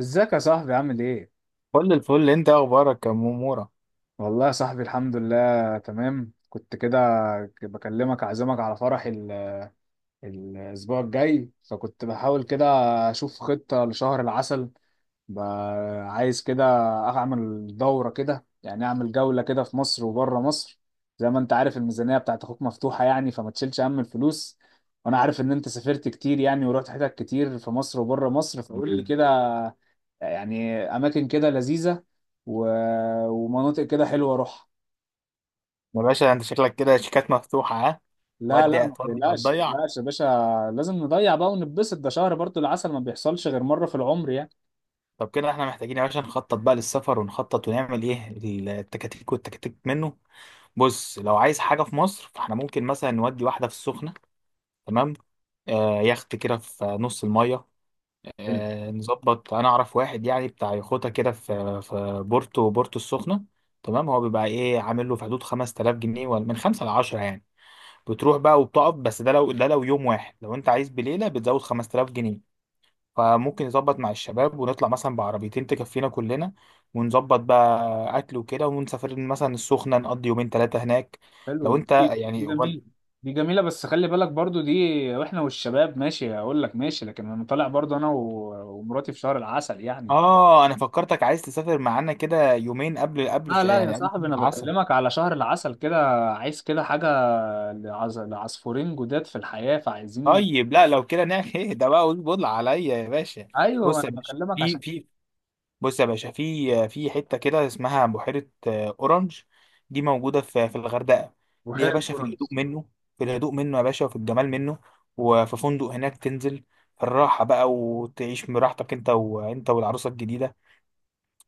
ازيك يا صاحبي عامل ايه؟ كل الفل، انت ايه اخبارك يا مورا؟ والله يا صاحبي، الحمد لله تمام. كنت كده بكلمك اعزمك على فرح الاسبوع الجاي، فكنت بحاول كده اشوف خطة لشهر العسل. ب- عايز كده اعمل دورة كده، يعني اعمل جولة كده في مصر وبره مصر. زي ما انت عارف الميزانية بتاعت اخوك مفتوحة، يعني فما تشيلش هم الفلوس. وانا عارف ان انت سافرت كتير يعني، ورحت حتت كتير في مصر وبره مصر، فقول لي كده يعني اماكن كده لذيذه و... ومناطق كده حلوه اروحها. يا باشا انت شكلك كده شيكات مفتوحه، ها؟ لا لا، ودي ما هتودي تقلقش ما وهتضيع. تقلقش يا باشا. لازم نضيع بقى ونتبسط، ده شهر برضو العسل ما بيحصلش غير مره في العمر يعني. طب كده احنا محتاجين يا باشا نخطط بقى للسفر، ونخطط ونعمل ايه التكاتيك والتكاتيك منه. بص، لو عايز حاجه في مصر فاحنا ممكن مثلا نودي واحده في السخنه. تمام. آه، يخت كده في نص الميه. حلو آه، نظبط. انا اعرف واحد يعني بتاع يخوته كده في بورتو، بورتو السخنه. تمام. هو بيبقى ايه؟ عامل له في حدود 5000 جنيه، ولا من 5 ل 10 يعني. بتروح بقى وبتقف، بس ده لو ده لو يوم واحد. لو انت عايز بليله بتزود 5000 جنيه. فممكن نظبط مع الشباب ونطلع مثلا بعربيتين تكفينا كلنا، ونظبط بقى اكل وكده، ونسافر مثلا السخنه نقضي يومين ثلاثه هناك. حلو. لو انت دي يعني جميله، دي جميله بس خلي بالك برضو دي. واحنا والشباب ماشي، هقول لك ماشي، لكن انا طالع برضو انا ومراتي في شهر العسل يعني. اه، انا فكرتك عايز تسافر معانا كده يومين قبل، قبل لا لا يا يعني قبل صاحبي، شهر انا العسل. بكلمك على شهر العسل كده، عايز كده حاجه لعصفورين جداد في الحياه فعايزين. طيب، لا، لو كده نعمل ايه ده بقى؟ قول عليا يا باشا. ايوه، ما بص انا يا باشا بكلمك. في في بص يا باشا في في حته كده اسمها بحيره، اورنج. دي موجوده في الغردقه. دي يا بحيرة باشا في الهدوء بورنس. منه، في الهدوء منه يا باشا، وفي الجمال منه. وفي فندق هناك تنزل في الراحه بقى وتعيش براحتك، انت والعروسه الجديده.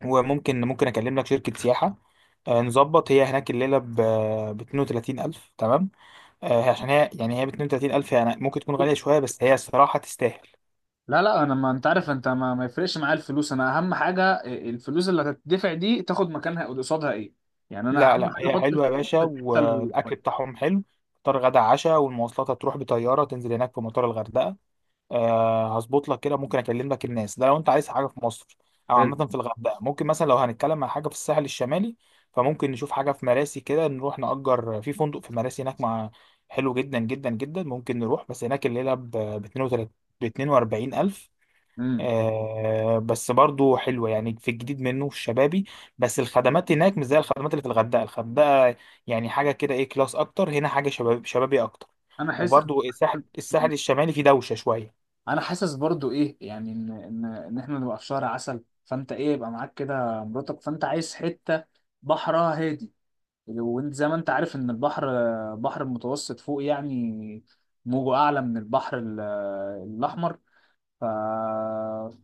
وممكن اكلم لك شركه سياحه. نظبط. هي هناك الليله ب 32000. تمام. عشان هي يعني هي ب 32000، يعني ممكن تكون غاليه شويه، بس هي الصراحه تستاهل. لا لا، انا ما انت عارف، انت ما يفرقش معايا الفلوس، انا اهم حاجه الفلوس اللي هتدفع دي تاخد مكانها قصادها ايه. يعني انا لا اهم لا، حاجه هي احط حلوة يا الفلوس باشا، في الحته والأكل الكويسه. بتاعهم حلو. فطار غدا عشاء، والمواصلات هتروح بطيارة، تنزل هناك في مطار الغردقة. أه، هظبط لك كده. ممكن أكلم لك الناس ده لو أنت عايز حاجة في مصر، أو حلو. عامة في الغردقة. ممكن مثلا لو هنتكلم عن حاجة في الساحل الشمالي، فممكن نشوف حاجة في مراسي كده، نروح نأجر في فندق في مراسي هناك. مع، حلو جدا جدا جدا. ممكن نروح، بس هناك الليلة ب 42، ب 42 ألف. امم آه بس برضو حلوة، يعني في الجديد منه في الشبابي. بس الخدمات هناك مش زي الخدمات اللي في الغردقة، الغردقة يعني حاجة كده ايه، كلاس أكتر. هنا حاجة شباب، شبابي أكتر. انا حاسس وبرضو الساحل الشمالي فيه دوشة شوية. انا حاسس برضو ايه، يعني ان احنا نبقى في شهر عسل، فانت ايه يبقى معاك كده مراتك، فانت عايز حته بحرها هادي. وانت زي ما انت عارف ان البحر، بحر المتوسط فوق يعني موجه اعلى من البحر الاحمر. ف...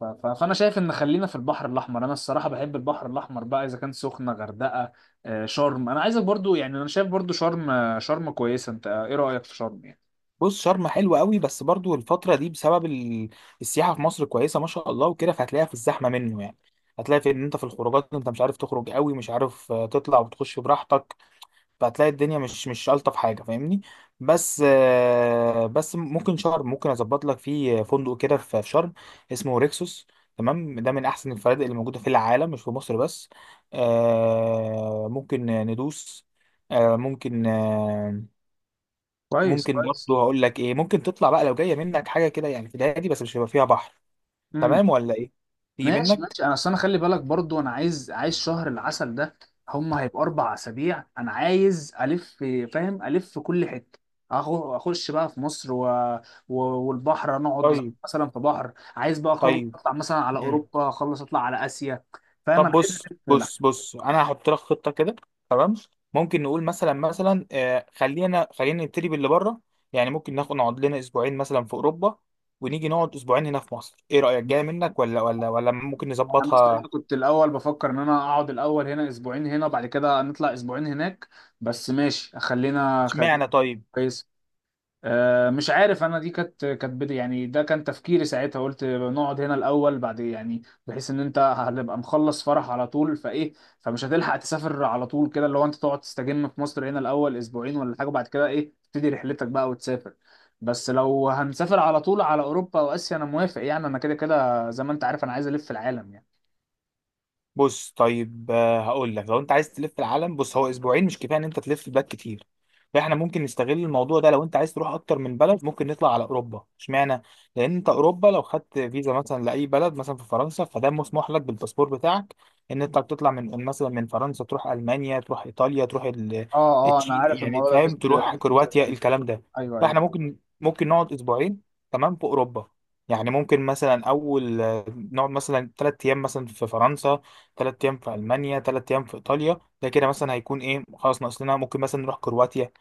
فانا شايف ان خلينا في البحر الاحمر، انا الصراحه بحب البحر الاحمر بقى، اذا كان سخنه غردقه شرم. انا عايزك برضو يعني، انا شايف برضو شرم، شرم كويسه، انت ايه رايك في شرم يعني؟ بص، شرم حلوة قوي، بس برضو الفترة دي بسبب السياحة في مصر كويسة ما شاء الله وكده، فهتلاقيها في الزحمة منه يعني. هتلاقي في ان انت في الخروجات انت مش عارف تخرج قوي، مش عارف تطلع وتخش براحتك. فهتلاقي الدنيا مش الطف حاجه، فاهمني؟ بس بس ممكن شرم، ممكن اظبط لك فيه فندق كده في شرم اسمه ريكسوس. تمام، ده من احسن الفنادق اللي موجوده في العالم، مش في مصر بس. ممكن ندوس. آه، ممكن آه، كويس ممكن كويس. برضه. هقول لك ايه، ممكن تطلع بقى لو جايه منك حاجه كده يعني في الهادي، بس مش هيبقى فيها بحر. تمام ولا ايه؟ تيجي ماشي منك؟ ماشي، انا اصل انا خلي بالك برضو انا عايز شهر العسل ده، هيبقى 4 اسابيع، انا عايز الف، فاهم، الف في كل حته. أخو- اخش بقى في مصر والبحر، نقعد طيب، مثلا في بحر، عايز بقى اخلص طيب. اطلع مثلا على مم. اوروبا، اخلص اطلع على اسيا. فاهم، طب انا عايز بص الف، لا. بص بص انا هحط لك خطه كده. تمام. ممكن نقول مثلا، مثلا خلينا نبتدي باللي بره. يعني ممكن ناخد نقعد لنا اسبوعين مثلا في اوروبا، ونيجي نقعد اسبوعين هنا في مصر. ايه رايك؟ جايه منك؟ ولا ممكن انا نظبطها؟ الصراحه كنت الاول بفكر ان انا اقعد الاول هنا اسبوعين هنا وبعد كده نطلع اسبوعين هناك، بس ماشي خلينا. اشمعنى؟ طيب. كويس. مش عارف انا، دي كانت بدي يعني، ده كان تفكيري ساعتها، قلت نقعد هنا الاول بعد يعني، بحيث ان انت هتبقى مخلص فرح على طول فايه، فمش هتلحق تسافر على طول كده، لو انت تقعد تستجم في مصر هنا الاول اسبوعين ولا حاجه بعد كده ايه تبتدي رحلتك بقى وتسافر. بس لو هنسافر على طول على اوروبا واسيا انا موافق، يعني انا كده كده زي ما انت عارف انا عايز الف العالم يعني. بص، طيب هقول لك، لو انت عايز تلف العالم، بص، هو اسبوعين مش كفايه ان انت تلف البلاد كتير. فاحنا ممكن نستغل الموضوع ده، لو انت عايز تروح اكتر من بلد ممكن نطلع على اوروبا. اشمعنى؟ لان انت اوروبا لو خدت فيزا مثلا لاي بلد مثلا في فرنسا، فده مسموح لك بالباسبور بتاعك ان انت تطلع من مثلا من فرنسا تروح المانيا، تروح ايطاليا، تروح اه اه، انا التشيل عارف يعني، الموضوع ده فاهم؟ فيست، تروح فيست، كرواتيا، الكلام ده. ايوه ايوه. فاحنا ممكن نقعد اسبوعين، تمام، في اوروبا. يعني ممكن مثلا اول نقعد مثلا ثلاث ايام مثلا في فرنسا، تلات أيام في ألمانيا، تلات أيام في إيطاليا. ده كده مثلا هيكون إيه، خلاص، ناقص لنا ممكن مثلا نروح كرواتيا.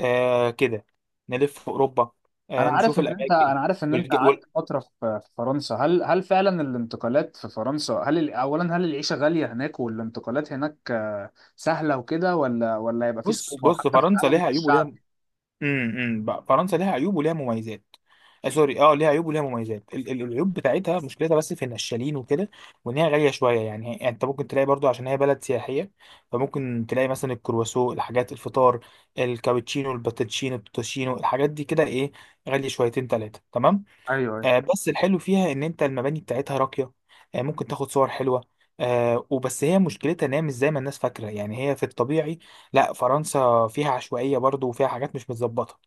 آه كده، نلف في أوروبا، انا آه عارف نشوف ان انت الأماكن انا عارف ان انت والج... قعدت وال... فتره في فرنسا. هل فعلا الانتقالات في فرنسا، اولا، هل العيشه غاليه هناك، والانتقالات هناك سهله وكده، ولا هيبقى في بص صعوبه بص، حتى في فرنسا التعامل مع ليها عيوب الشعب؟ وليها، امم، بقى فرنسا ليها عيوب وليها مميزات. آه سوري، اه ليها عيوب وليها مميزات. العيوب بتاعتها مشكلتها بس في النشالين وكده، وان هي غاليه شويه. يعني يعني انت ممكن تلاقي برضو عشان هي بلد سياحيه، فممكن تلاقي مثلا الكرواسو، الحاجات، الفطار، الكابتشينو، الباتشينو، التوتشينو، الحاجات دي كده ايه غاليه شويتين ثلاثه، تمام. ايوه. آه، بس الحلو فيها ان انت المباني بتاعتها راقيه. آه، ممكن تاخد صور حلوه. آه، وبس هي مشكلتها ان هي مش زي ما الناس فاكره، يعني هي في الطبيعي لا، فرنسا فيها عشوائيه برضو، وفيها حاجات مش متظبطه.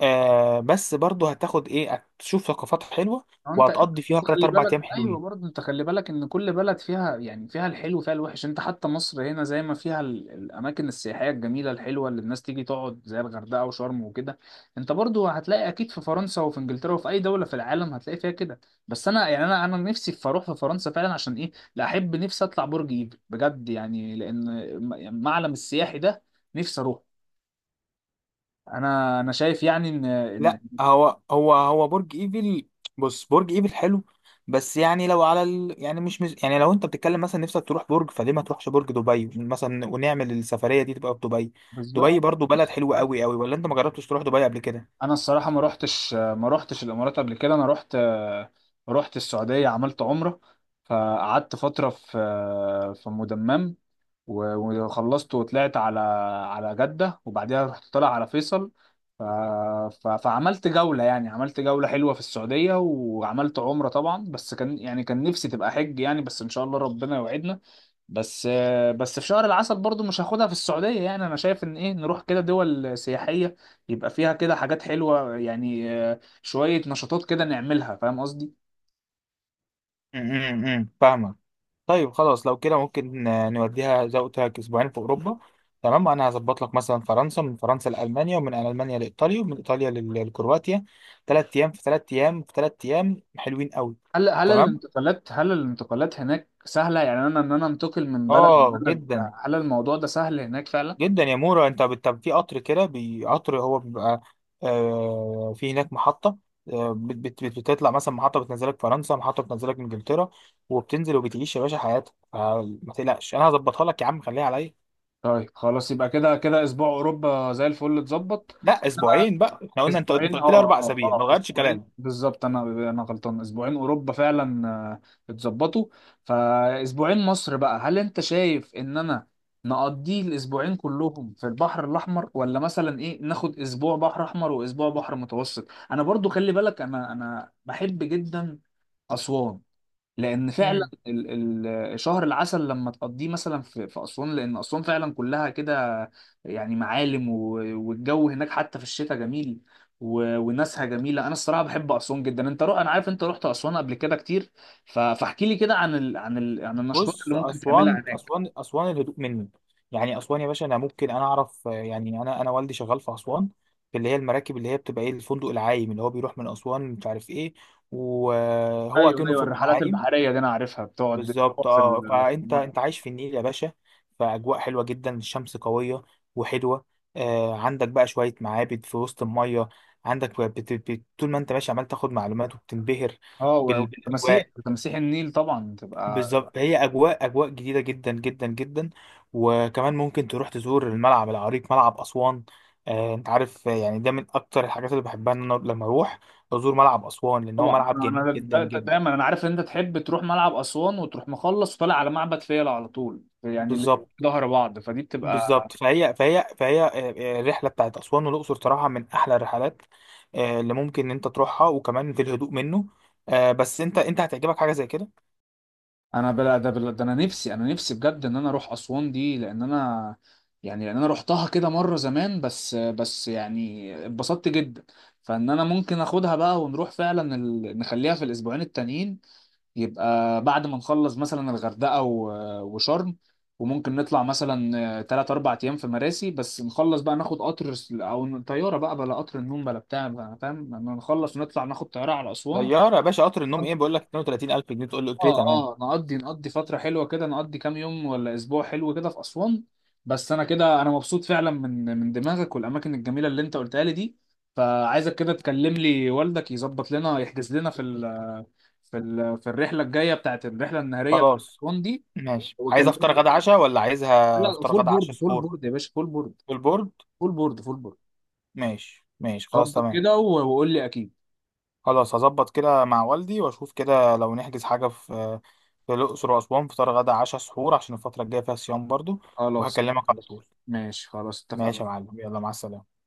آه، بس برضه هتاخد ايه، هتشوف ثقافات حلوه، هو انت وهتقضي فيها 3 خلي 4 بالك، ايام ايوه حلوين. برضه انت خلي بالك ان كل بلد فيها يعني فيها الحلو وفيها الوحش، انت حتى مصر هنا زي ما فيها الاماكن السياحيه الجميله الحلوه اللي الناس تيجي تقعد زي الغردقه وشرم وكده. انت برضه هتلاقي اكيد في فرنسا وفي انجلترا وفي اي دوله في العالم هتلاقي فيها كده. بس انا يعني انا نفسي في اروح في فرنسا فعلا، عشان ايه لا، احب نفسي اطلع برج ايفل بجد يعني، لان المعلم السياحي ده نفسي اروح. انا شايف يعني ان لا، ان هو برج ايفل، بص، برج ايفل حلو. بس يعني لو على يعني مش يعني لو انت بتتكلم مثلا نفسك تروح برج فليه، ما تروحش برج دبي مثلا ونعمل السفريه دي تبقى في دبي. دبي بالظبط. برضه بلد حلوه قوي قوي، ولا انت ما جربتش تروح دبي قبل كده؟ انا الصراحه ما روحتش الامارات قبل كده، انا روحت السعوديه، عملت عمره، فقعدت فتره في مدمم وخلصت وطلعت على جدة، وبعدها رحت طالع على فيصل. ف... فعملت جولة يعني، عملت جولة حلوة في السعودية وعملت عمرة طبعا، بس كان يعني كان نفسي تبقى حج يعني، بس إن شاء الله ربنا يوعدنا. بس بس في شهر العسل برضو مش هاخدها في السعودية يعني، أنا شايف إن إيه نروح كده دول سياحية، يبقى فيها كده حاجات حلوة يعني، شوية نشاطات كده نعملها، فاهم قصدي؟ امم، فاهمك. طيب خلاص، لو كده ممكن نوديها زي ما قلت لك اسبوعين في اوروبا. تمام، انا هظبط لك مثلا فرنسا، من فرنسا لالمانيا، ومن المانيا لايطاليا، ومن ايطاليا لكرواتيا، ثلاث ايام في ثلاث ايام في ثلاث ايام حلوين قوي. هل هل تمام، الانتقالات هل الانتقالات هناك سهلة، يعني ان انا انتقل من بلد اه، لبلد، جدا. هل الموضوع ده سهل هناك فعلا؟ جدا يا مورا. انت في قطر كده، قطر هو بيبقى آه، في هناك محطه. آه، بتطلع مثلا محطه بتنزلك فرنسا، محطه بتنزلك انجلترا، وبتنزل وبتعيش يا باشا حياتك. فما تقلقش انا هظبطها لك يا عم، خليها عليا. طيب خلاص، يبقى كده كده اسبوع اوروبا زي الفل اتظبط. لا، اسبوعين بقى، احنا قلنا، انت اسبوعين اه قلت لي اربع اه اسابيع، ما اه، غيرتش اسبوعين كلامي. بالظبط، انا غلطان، اسبوعين اوروبا فعلا اتظبطوا. فاسبوعين مصر بقى، هل انت شايف ان انا نقضيه الاسبوعين كلهم في البحر الاحمر، ولا مثلا ايه ناخد اسبوع بحر احمر واسبوع بحر متوسط؟ انا برضو خلي بالك، انا بحب جدا اسوان، لان فعلا امم. شهر العسل لما تقضيه مثلا في اسوان، لان اسوان فعلا كلها كده يعني معالم، والجو هناك حتى في الشتاء جميل، وناسها جميله. انا الصراحه بحب اسوان جدا، انت انا عارف انت رحت اسوان قبل كده كتير. فاحكي لي كده عن عن النشاطات بص، اللي ممكن تعملها اسوان هناك. اسوان اسوان الهدوء مني. يعني اسوان يا باشا، انا ممكن انا اعرف يعني انا والدي شغال في اسوان في اللي هي المراكب، اللي هي بتبقى ايه، الفندق العايم اللي هو بيروح من اسوان مش عارف ايه، وهو ايوه كأنه ايوه، فندق الرحلات عايم. البحريه دي انا عارفها بتقعد بالظبط. في اه، ال- في فانت الميه. انت عايش في النيل يا باشا. فاجواء حلوه جدا، الشمس قويه وحلوه. آه، عندك بقى شويه معابد في وسط الميه، عندك طول ما انت ماشي عمال تاخد معلومات وبتنبهر اه، و- وتماسيح بالاجواء. تماسيح النيل طبعا تبقى. بالظبط، هي اجواء، اجواء جديده جدا جدا جدا. وكمان ممكن تروح تزور الملعب العريق، ملعب اسوان. آه، انت عارف يعني ده من اكتر الحاجات اللي بحبها ان انا لما اروح ازور ملعب اسوان، لان هو طبعا، ملعب انا جميل أنا جدا دا- دا- جدا. دايما انا عارف ان انت تحب تروح ملعب اسوان وتروح مخلص وطالع على معبد فيلة على طول، يعني اللي بالظبط. ظهر بعض فدي بتبقى. بالظبط، فهي الرحله بتاعت اسوان والاقصر صراحه من احلى الرحلات اللي ممكن ان انت تروحها، وكمان في الهدوء منه. بس انت هتعجبك حاجه زي كده. انا بلا ده بلا ده، انا نفسي بجد ان انا اروح اسوان دي لان انا، يعني لان انا رحتها كده مره زمان، بس يعني اتبسطت جدا، فان انا ممكن اخدها بقى، ونروح فعلا نخليها في الاسبوعين التانيين، يبقى بعد ما نخلص مثلا الغردقة وشرم، وممكن نطلع مثلا تلات أربع أيام في مراسي، بس نخلص بقى ناخد قطر أو طيارة بقى، بلا قطر النوم بلا بتاع بقى، فاهم، لما نخلص ونطلع ناخد طيارة على أسوان. طياره يا باشا، قطر النوم ايه، بقول لك 32000 جنيه تقول لي قلت لي اه تمام. اه، نقضي فترة حلوة كده، نقضي كام يوم ولا اسبوع حلو كده في اسوان. بس انا كده انا مبسوط فعلا من دماغك والاماكن الجميلة اللي انت قلتها لي دي، فعايزك كده تكلم لي والدك يظبط لنا يحجز لنا في الرحلة الجاية بتاعت الرحلة النهارية بتاعت خلاص اسوان دي. ماشي، عايز افطار وكلمني. غدا عشاء، ولا عايزها لا، افطار فول غدا بورد عشاء فول سحور؟ بورد يا باشا، فول بورد، بالبورد، فول بورد فول بورد ماشي ماشي، خلاص، ظبط تمام. كده، وقول لي اكيد. خلاص، هظبط كده مع والدي واشوف كده لو نحجز حاجه في في الاقصر واسوان، فطار غدا عشاء سحور، عشان الفتره الجايه فيها صيام برضو. خلاص وهكلمك على ماشي طول. ماشي، خلاص ماشي اتفقنا. يا معلم، يلا مع السلامة.